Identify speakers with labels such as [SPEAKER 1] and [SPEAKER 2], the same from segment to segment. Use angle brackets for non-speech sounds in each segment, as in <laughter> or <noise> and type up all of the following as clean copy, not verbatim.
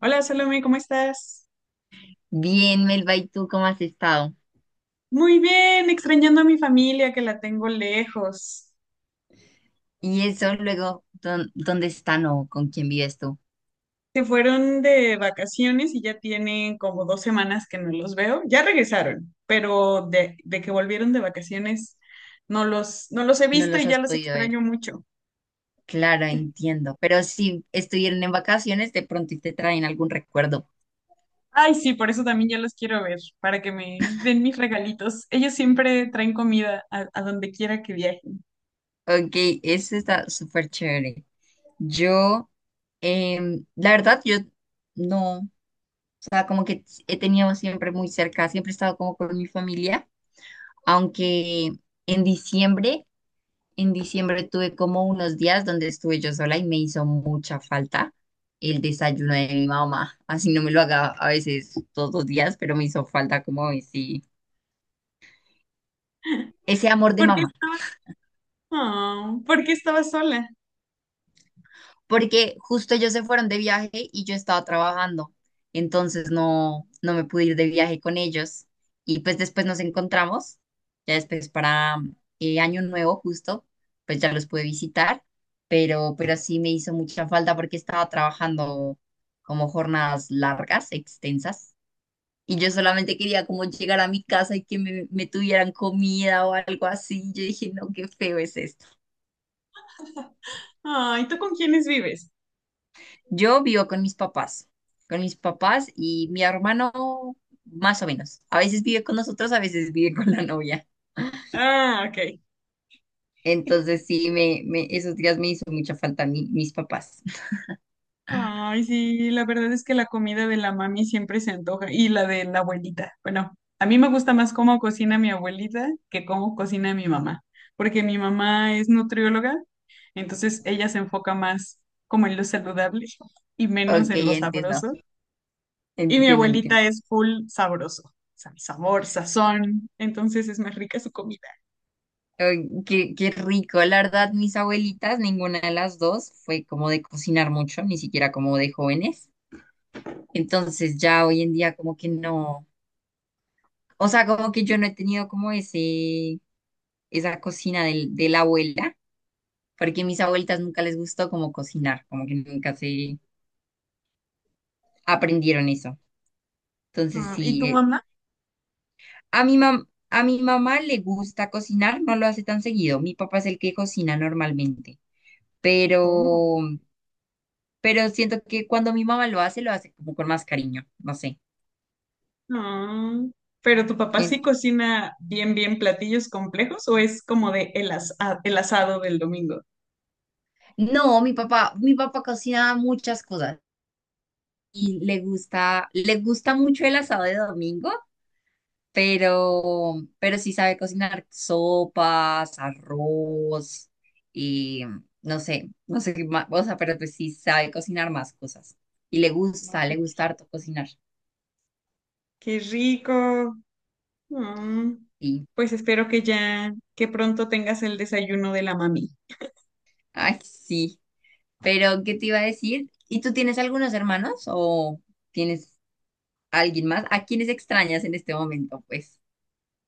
[SPEAKER 1] Hola Salome, ¿cómo estás?
[SPEAKER 2] Bien, Melba, ¿y tú cómo has estado?
[SPEAKER 1] Muy bien, extrañando a mi familia que la tengo lejos.
[SPEAKER 2] Y eso luego, ¿dónde están o con quién vives tú?
[SPEAKER 1] Se fueron de vacaciones y ya tienen como 2 semanas que no los veo. Ya regresaron, pero de que volvieron de vacaciones no los he
[SPEAKER 2] No
[SPEAKER 1] visto
[SPEAKER 2] los
[SPEAKER 1] y ya
[SPEAKER 2] has
[SPEAKER 1] los
[SPEAKER 2] podido ver.
[SPEAKER 1] extraño mucho.
[SPEAKER 2] Claro,
[SPEAKER 1] <laughs>
[SPEAKER 2] entiendo. Pero si estuvieron en vacaciones, de pronto y te traen algún recuerdo.
[SPEAKER 1] Ay, sí, por eso también ya los quiero ver, para que me den mis regalitos. Ellos siempre traen comida a donde quiera que viajen.
[SPEAKER 2] Ok, eso está súper chévere. Yo, la verdad, yo no, o sea, como que he tenido siempre muy cerca, siempre he estado como con mi familia, aunque en diciembre En diciembre tuve como unos días donde estuve yo sola y me hizo mucha falta el desayuno de mi mamá. Así no me lo haga a veces todos los días, pero me hizo falta como ese amor de
[SPEAKER 1] ¿Por qué
[SPEAKER 2] mamá.
[SPEAKER 1] estabas? Oh, ¿por qué estabas sola?
[SPEAKER 2] Porque justo ellos se fueron de viaje y yo estaba trabajando, entonces no me pude ir de viaje con ellos y pues después nos encontramos, ya después para Año Nuevo justo, pues ya los pude visitar, pero sí me hizo mucha falta porque estaba trabajando como jornadas largas, extensas, y yo solamente quería como llegar a mi casa y que me tuvieran comida o algo así, yo dije, no, qué feo es esto.
[SPEAKER 1] Ay, ¿tú con quiénes vives?
[SPEAKER 2] Yo vivo con mis papás y mi hermano más o menos. A veces vive con nosotros, a veces vive con la novia.
[SPEAKER 1] Ah, ok.
[SPEAKER 2] Entonces sí, esos días me hizo mucha falta mis papás. <laughs>
[SPEAKER 1] Ay, sí, la verdad es que la comida de la mami siempre se antoja y la de la abuelita. Bueno, a mí me gusta más cómo cocina mi abuelita que cómo cocina mi mamá, porque mi mamá es nutrióloga, entonces ella se enfoca más como en lo saludable y menos
[SPEAKER 2] Ok,
[SPEAKER 1] en lo
[SPEAKER 2] entiendo,
[SPEAKER 1] sabroso. Y mi
[SPEAKER 2] entiendo,
[SPEAKER 1] abuelita
[SPEAKER 2] entiendo.
[SPEAKER 1] es full sabroso, o sea, sabor, sazón, entonces es más rica su comida.
[SPEAKER 2] Ay, qué rico, la verdad, mis abuelitas, ninguna de las dos fue como de cocinar mucho, ni siquiera como de jóvenes. Entonces ya hoy en día como que no, o sea, como que yo no he tenido como esa cocina de la abuela porque a mis abuelitas nunca les gustó como cocinar, como que nunca se aprendieron eso. Entonces,
[SPEAKER 1] Ah, ¿y
[SPEAKER 2] sí,
[SPEAKER 1] tu mamá?
[SPEAKER 2] a mi mamá le gusta cocinar, no lo hace tan seguido. Mi papá es el que cocina normalmente,
[SPEAKER 1] Oh.
[SPEAKER 2] pero, pero siento que cuando mi mamá lo hace como con más cariño, no sé.
[SPEAKER 1] Ah, pero tu papá
[SPEAKER 2] Eh,
[SPEAKER 1] sí cocina bien, bien platillos complejos o es como de el, el asado del domingo.
[SPEAKER 2] No, mi papá cocina muchas cosas y le gusta mucho el asado de domingo, pero sí sabe cocinar sopas, arroz y no sé qué más, o sea, pero pues sí sabe cocinar más cosas. Y le gusta,
[SPEAKER 1] Ay,
[SPEAKER 2] le gusta harto cocinar.
[SPEAKER 1] qué rico. Ah,
[SPEAKER 2] Y,
[SPEAKER 1] pues espero que ya, que pronto tengas el desayuno de la mami.
[SPEAKER 2] Ay, sí. Pero, ¿qué te iba a decir? ¿Y tú tienes algunos hermanos o tienes alguien más? ¿A quiénes extrañas en este momento? Pues,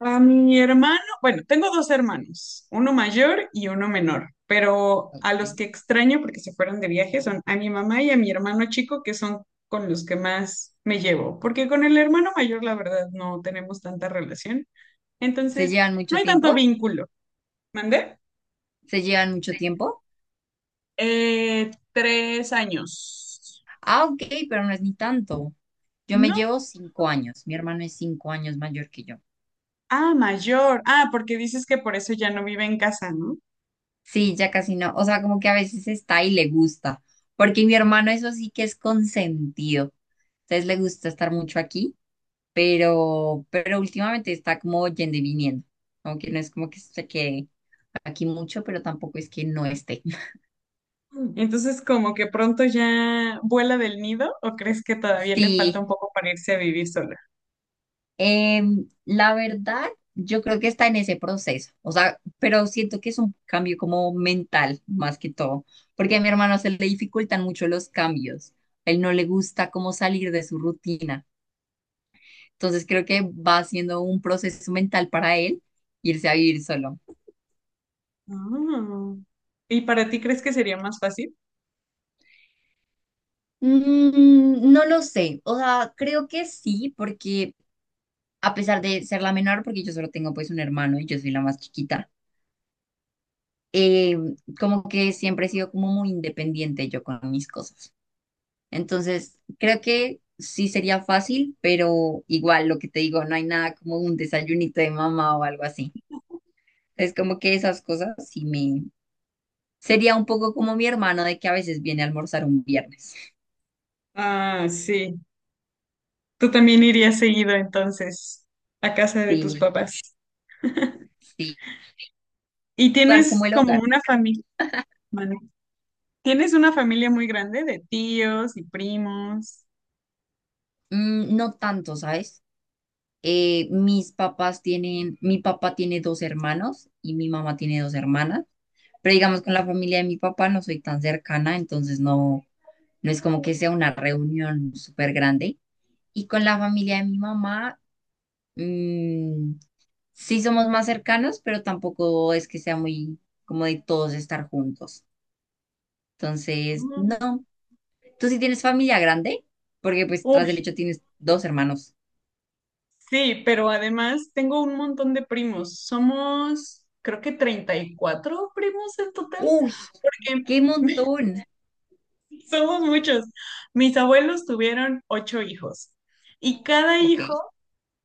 [SPEAKER 1] A mi hermano, bueno, tengo dos hermanos, uno mayor y uno menor, pero a los
[SPEAKER 2] ok.
[SPEAKER 1] que extraño porque se fueron de viaje son a mi mamá y a mi hermano chico, que son con los que más me llevo, porque con el hermano mayor, la verdad, no tenemos tanta relación,
[SPEAKER 2] ¿se
[SPEAKER 1] entonces
[SPEAKER 2] llevan
[SPEAKER 1] no
[SPEAKER 2] mucho
[SPEAKER 1] hay tanto
[SPEAKER 2] tiempo?
[SPEAKER 1] vínculo. ¿Mandé?
[SPEAKER 2] ¿Se llevan mucho tiempo?
[SPEAKER 1] 3 años.
[SPEAKER 2] Ah, ok, pero no es ni tanto. Yo me
[SPEAKER 1] No.
[SPEAKER 2] llevo 5 años. Mi hermano es 5 años mayor que yo.
[SPEAKER 1] Ah, mayor. Ah, porque dices que por eso ya no vive en casa, ¿no?
[SPEAKER 2] Sí, ya casi no. O sea, como que a veces está y le gusta. Porque mi hermano eso sí que es consentido. Entonces le gusta estar mucho aquí, pero últimamente está como yendo y viniendo. Aunque no es como que se quede aquí mucho, pero tampoco es que no esté. <laughs>
[SPEAKER 1] Entonces, como que pronto ya vuela del nido, ¿o crees que todavía le falta
[SPEAKER 2] Sí,
[SPEAKER 1] un poco para irse a vivir sola?
[SPEAKER 2] La verdad, yo creo que está en ese proceso, o sea, pero siento que es un cambio como mental más que todo, porque a mi hermano se le dificultan mucho los cambios, a él no le gusta como salir de su rutina, entonces creo que va siendo un proceso mental para él irse a vivir solo.
[SPEAKER 1] Ah, ¿Y para ti crees que sería más fácil?
[SPEAKER 2] No lo sé, o sea, creo que sí, porque a pesar de ser la menor, porque yo solo tengo pues un hermano y yo soy la más chiquita. eh, Como que siempre he sido como muy independiente yo con mis cosas. Entonces, creo que sí sería fácil, pero igual lo que te digo, no hay nada como un desayunito de mamá o algo así. Es como que esas cosas sí me... Sería un poco como mi hermano de que a veces viene a almorzar un viernes.
[SPEAKER 1] Ah, sí. Tú también irías seguido entonces a casa de
[SPEAKER 2] Sí,
[SPEAKER 1] tus papás.
[SPEAKER 2] sí.
[SPEAKER 1] Y
[SPEAKER 2] Dar
[SPEAKER 1] tienes
[SPEAKER 2] como el
[SPEAKER 1] como
[SPEAKER 2] hogar.
[SPEAKER 1] una familia, tienes una familia muy grande de tíos y primos.
[SPEAKER 2] No tanto, ¿sabes? Mi papá tiene dos hermanos y mi mamá tiene dos hermanas, pero digamos con la familia de mi papá no soy tan cercana, entonces no es como que sea una reunión súper grande. Y con la familia de mi mamá, mm, sí somos más cercanos, pero tampoco es que sea muy como de todos estar juntos. Entonces,
[SPEAKER 1] Mm,
[SPEAKER 2] no. ¿Tú sí tienes familia grande? Porque pues tras
[SPEAKER 1] uy,
[SPEAKER 2] del hecho tienes dos hermanos.
[SPEAKER 1] sí, pero además tengo un montón de primos. Somos, creo que 34 primos en total.
[SPEAKER 2] Uy,
[SPEAKER 1] Porque
[SPEAKER 2] qué
[SPEAKER 1] <laughs>
[SPEAKER 2] montón.
[SPEAKER 1] somos muchos. Mis abuelos tuvieron ocho hijos y cada
[SPEAKER 2] Ok.
[SPEAKER 1] hijo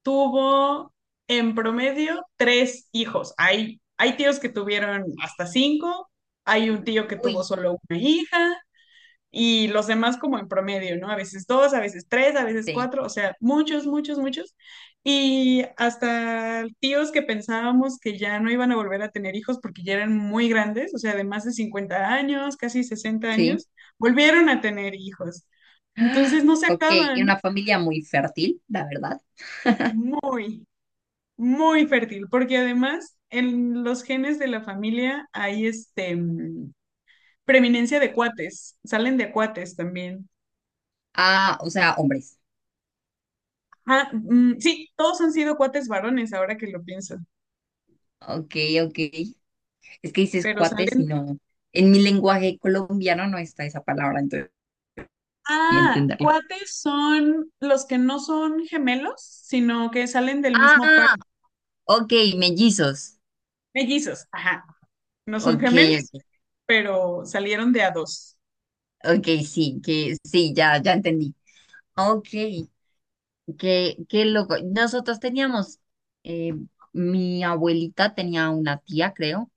[SPEAKER 1] tuvo en promedio tres hijos. Hay tíos que tuvieron hasta cinco, hay un tío que tuvo
[SPEAKER 2] Uy.
[SPEAKER 1] solo una hija, y los demás como en promedio, ¿no? A veces dos, a veces tres, a veces
[SPEAKER 2] Sí,
[SPEAKER 1] cuatro, o sea, muchos, muchos, muchos. Y hasta tíos que pensábamos que ya no iban a volver a tener hijos porque ya eran muy grandes, o sea, de más de 50 años, casi sesenta
[SPEAKER 2] sí.
[SPEAKER 1] años, volvieron a tener hijos.
[SPEAKER 2] Ah,
[SPEAKER 1] Entonces no se
[SPEAKER 2] ok,
[SPEAKER 1] acaban
[SPEAKER 2] una familia muy fértil, la verdad.
[SPEAKER 1] muy, muy fértil, porque además en los genes de la familia hay este preeminencia de cuates, salen de cuates también.
[SPEAKER 2] Ah, o sea, hombres.
[SPEAKER 1] Ah, mm, sí, todos han sido cuates varones, ahora que lo pienso,
[SPEAKER 2] Ok, ok. Es que dices
[SPEAKER 1] pero
[SPEAKER 2] cuates y
[SPEAKER 1] salen...
[SPEAKER 2] no. En mi lenguaje colombiano no está esa palabra, entonces. Y
[SPEAKER 1] Ah,
[SPEAKER 2] entenderlo.
[SPEAKER 1] cuates son los que no son gemelos, sino que salen del mismo par.
[SPEAKER 2] Ah, ok, mellizos.
[SPEAKER 1] Mellizos, ajá, no son
[SPEAKER 2] Ok,
[SPEAKER 1] gemelos,
[SPEAKER 2] ok.
[SPEAKER 1] pero salieron de a dos.
[SPEAKER 2] Ok, sí, que sí, ya, ya entendí. Ok, qué loco. Eh, Mi abuelita tenía una tía, creo,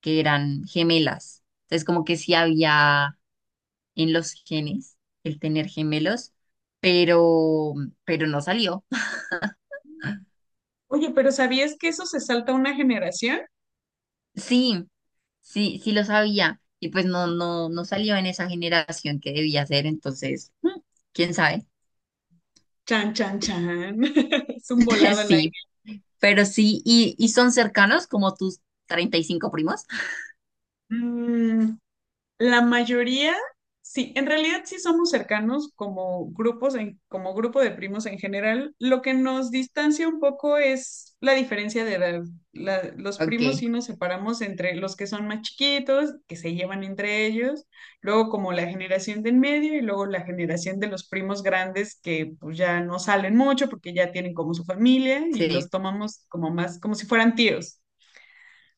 [SPEAKER 2] que eran gemelas. Entonces, como que sí había en los genes el tener gemelos, pero, pero no salió. <laughs>
[SPEAKER 1] Oye, pero ¿sabías que eso se salta una generación?
[SPEAKER 2] Sí, sí, sí lo sabía. Y pues no salió en esa generación que debía ser, entonces, quién sabe.
[SPEAKER 1] Chan, chan, chan. <laughs> Es un
[SPEAKER 2] <laughs>
[SPEAKER 1] volado al
[SPEAKER 2] Sí,
[SPEAKER 1] aire.
[SPEAKER 2] pero sí, y son cercanos como tus 35 primos. <laughs>
[SPEAKER 1] Mm, La mayoría, sí, en realidad sí somos cercanos como grupos, en, como grupo de primos en general. Lo que nos distancia un poco es la diferencia de edad. Los primos
[SPEAKER 2] Ok,
[SPEAKER 1] sí nos separamos entre los que son más chiquitos, que se llevan entre ellos, luego como la generación de en medio y luego la generación de los primos grandes que pues ya no salen mucho porque ya tienen como su familia y
[SPEAKER 2] sí,
[SPEAKER 1] los tomamos como más, como si fueran tíos.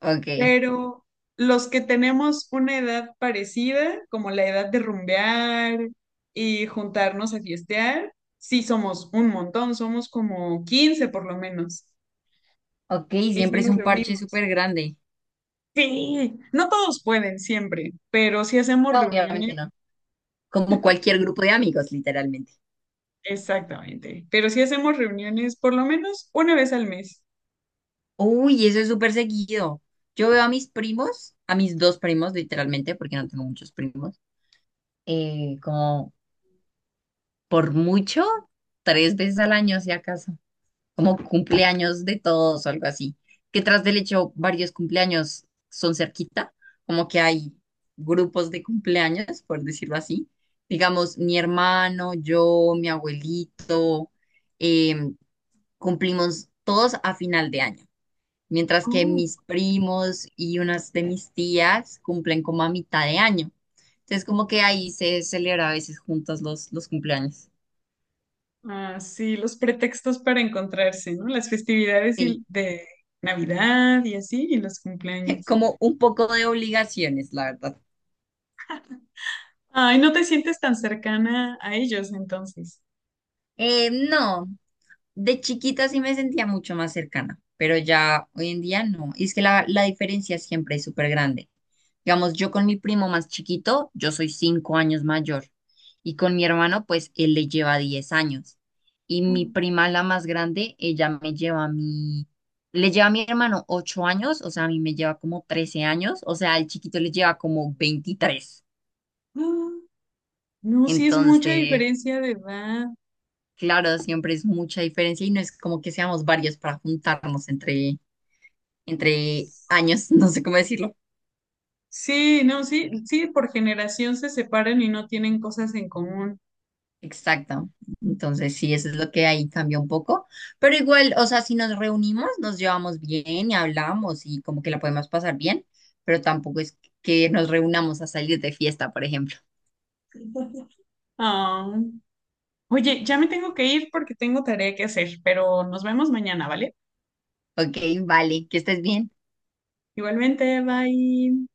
[SPEAKER 2] ok.
[SPEAKER 1] Pero los que tenemos una edad parecida, como la edad de rumbear y juntarnos a fiestear, sí somos un montón, somos como 15 por lo menos.
[SPEAKER 2] Ok,
[SPEAKER 1] Y sí
[SPEAKER 2] siempre es
[SPEAKER 1] nos
[SPEAKER 2] un parche
[SPEAKER 1] reunimos.
[SPEAKER 2] súper grande.
[SPEAKER 1] Sí, no todos pueden siempre, pero sí hacemos
[SPEAKER 2] No,
[SPEAKER 1] reuniones,
[SPEAKER 2] obviamente no. Como cualquier grupo de amigos, literalmente.
[SPEAKER 1] exactamente, pero sí hacemos reuniones por lo menos una vez al mes.
[SPEAKER 2] Uy, eso es súper seguido. Yo veo a mis primos, a mis dos primos literalmente, porque no tengo muchos primos, como por mucho, tres veces al año, si acaso, como cumpleaños de todos o algo así. Que tras del hecho, varios cumpleaños son cerquita, como que hay grupos de cumpleaños, por decirlo así. Digamos, mi hermano, yo, mi abuelito, em, cumplimos todos a final de año. Mientras que
[SPEAKER 1] Oh.
[SPEAKER 2] mis primos y unas de mis tías cumplen como a mitad de año. Entonces, como que ahí se celebra a veces juntos los cumpleaños.
[SPEAKER 1] Ah, sí, los pretextos para encontrarse, ¿no? Las festividades
[SPEAKER 2] Sí,
[SPEAKER 1] de Navidad y así, y los
[SPEAKER 2] <laughs>
[SPEAKER 1] cumpleaños.
[SPEAKER 2] como un poco de obligaciones, la verdad.
[SPEAKER 1] Ay, no te sientes tan cercana a ellos entonces.
[SPEAKER 2] No, de chiquita sí me sentía mucho más cercana, pero ya hoy en día no. Y es que la diferencia siempre es súper grande. Digamos, yo con mi primo más chiquito, yo soy 5 años mayor. Y con mi hermano, pues él le lleva 10 años. Y mi
[SPEAKER 1] Mm.
[SPEAKER 2] prima, la más grande, ella me lleva a mí, le lleva a mi hermano 8 años, o sea, a mí me lleva como 13 años, o sea, al chiquito le lleva como 23.
[SPEAKER 1] Ah, no, sí es mucha
[SPEAKER 2] Entonces,
[SPEAKER 1] diferencia de edad.
[SPEAKER 2] claro, siempre es mucha diferencia y no es como que seamos varios para juntarnos entre años, <laughs> no sé cómo decirlo.
[SPEAKER 1] Sí, no, sí, sí, por generación se separan y no tienen cosas en común.
[SPEAKER 2] Exacto. Entonces, sí, eso es lo que ahí cambia un poco. Pero igual, o sea, si nos reunimos, nos llevamos bien y hablamos y como que la podemos pasar bien, pero tampoco es que nos reunamos a salir de fiesta, por ejemplo.
[SPEAKER 1] Ah. Oye, ya me tengo que ir porque tengo tarea que hacer, pero nos vemos mañana, ¿vale?
[SPEAKER 2] Ok, vale, que estés bien.
[SPEAKER 1] Igualmente, bye.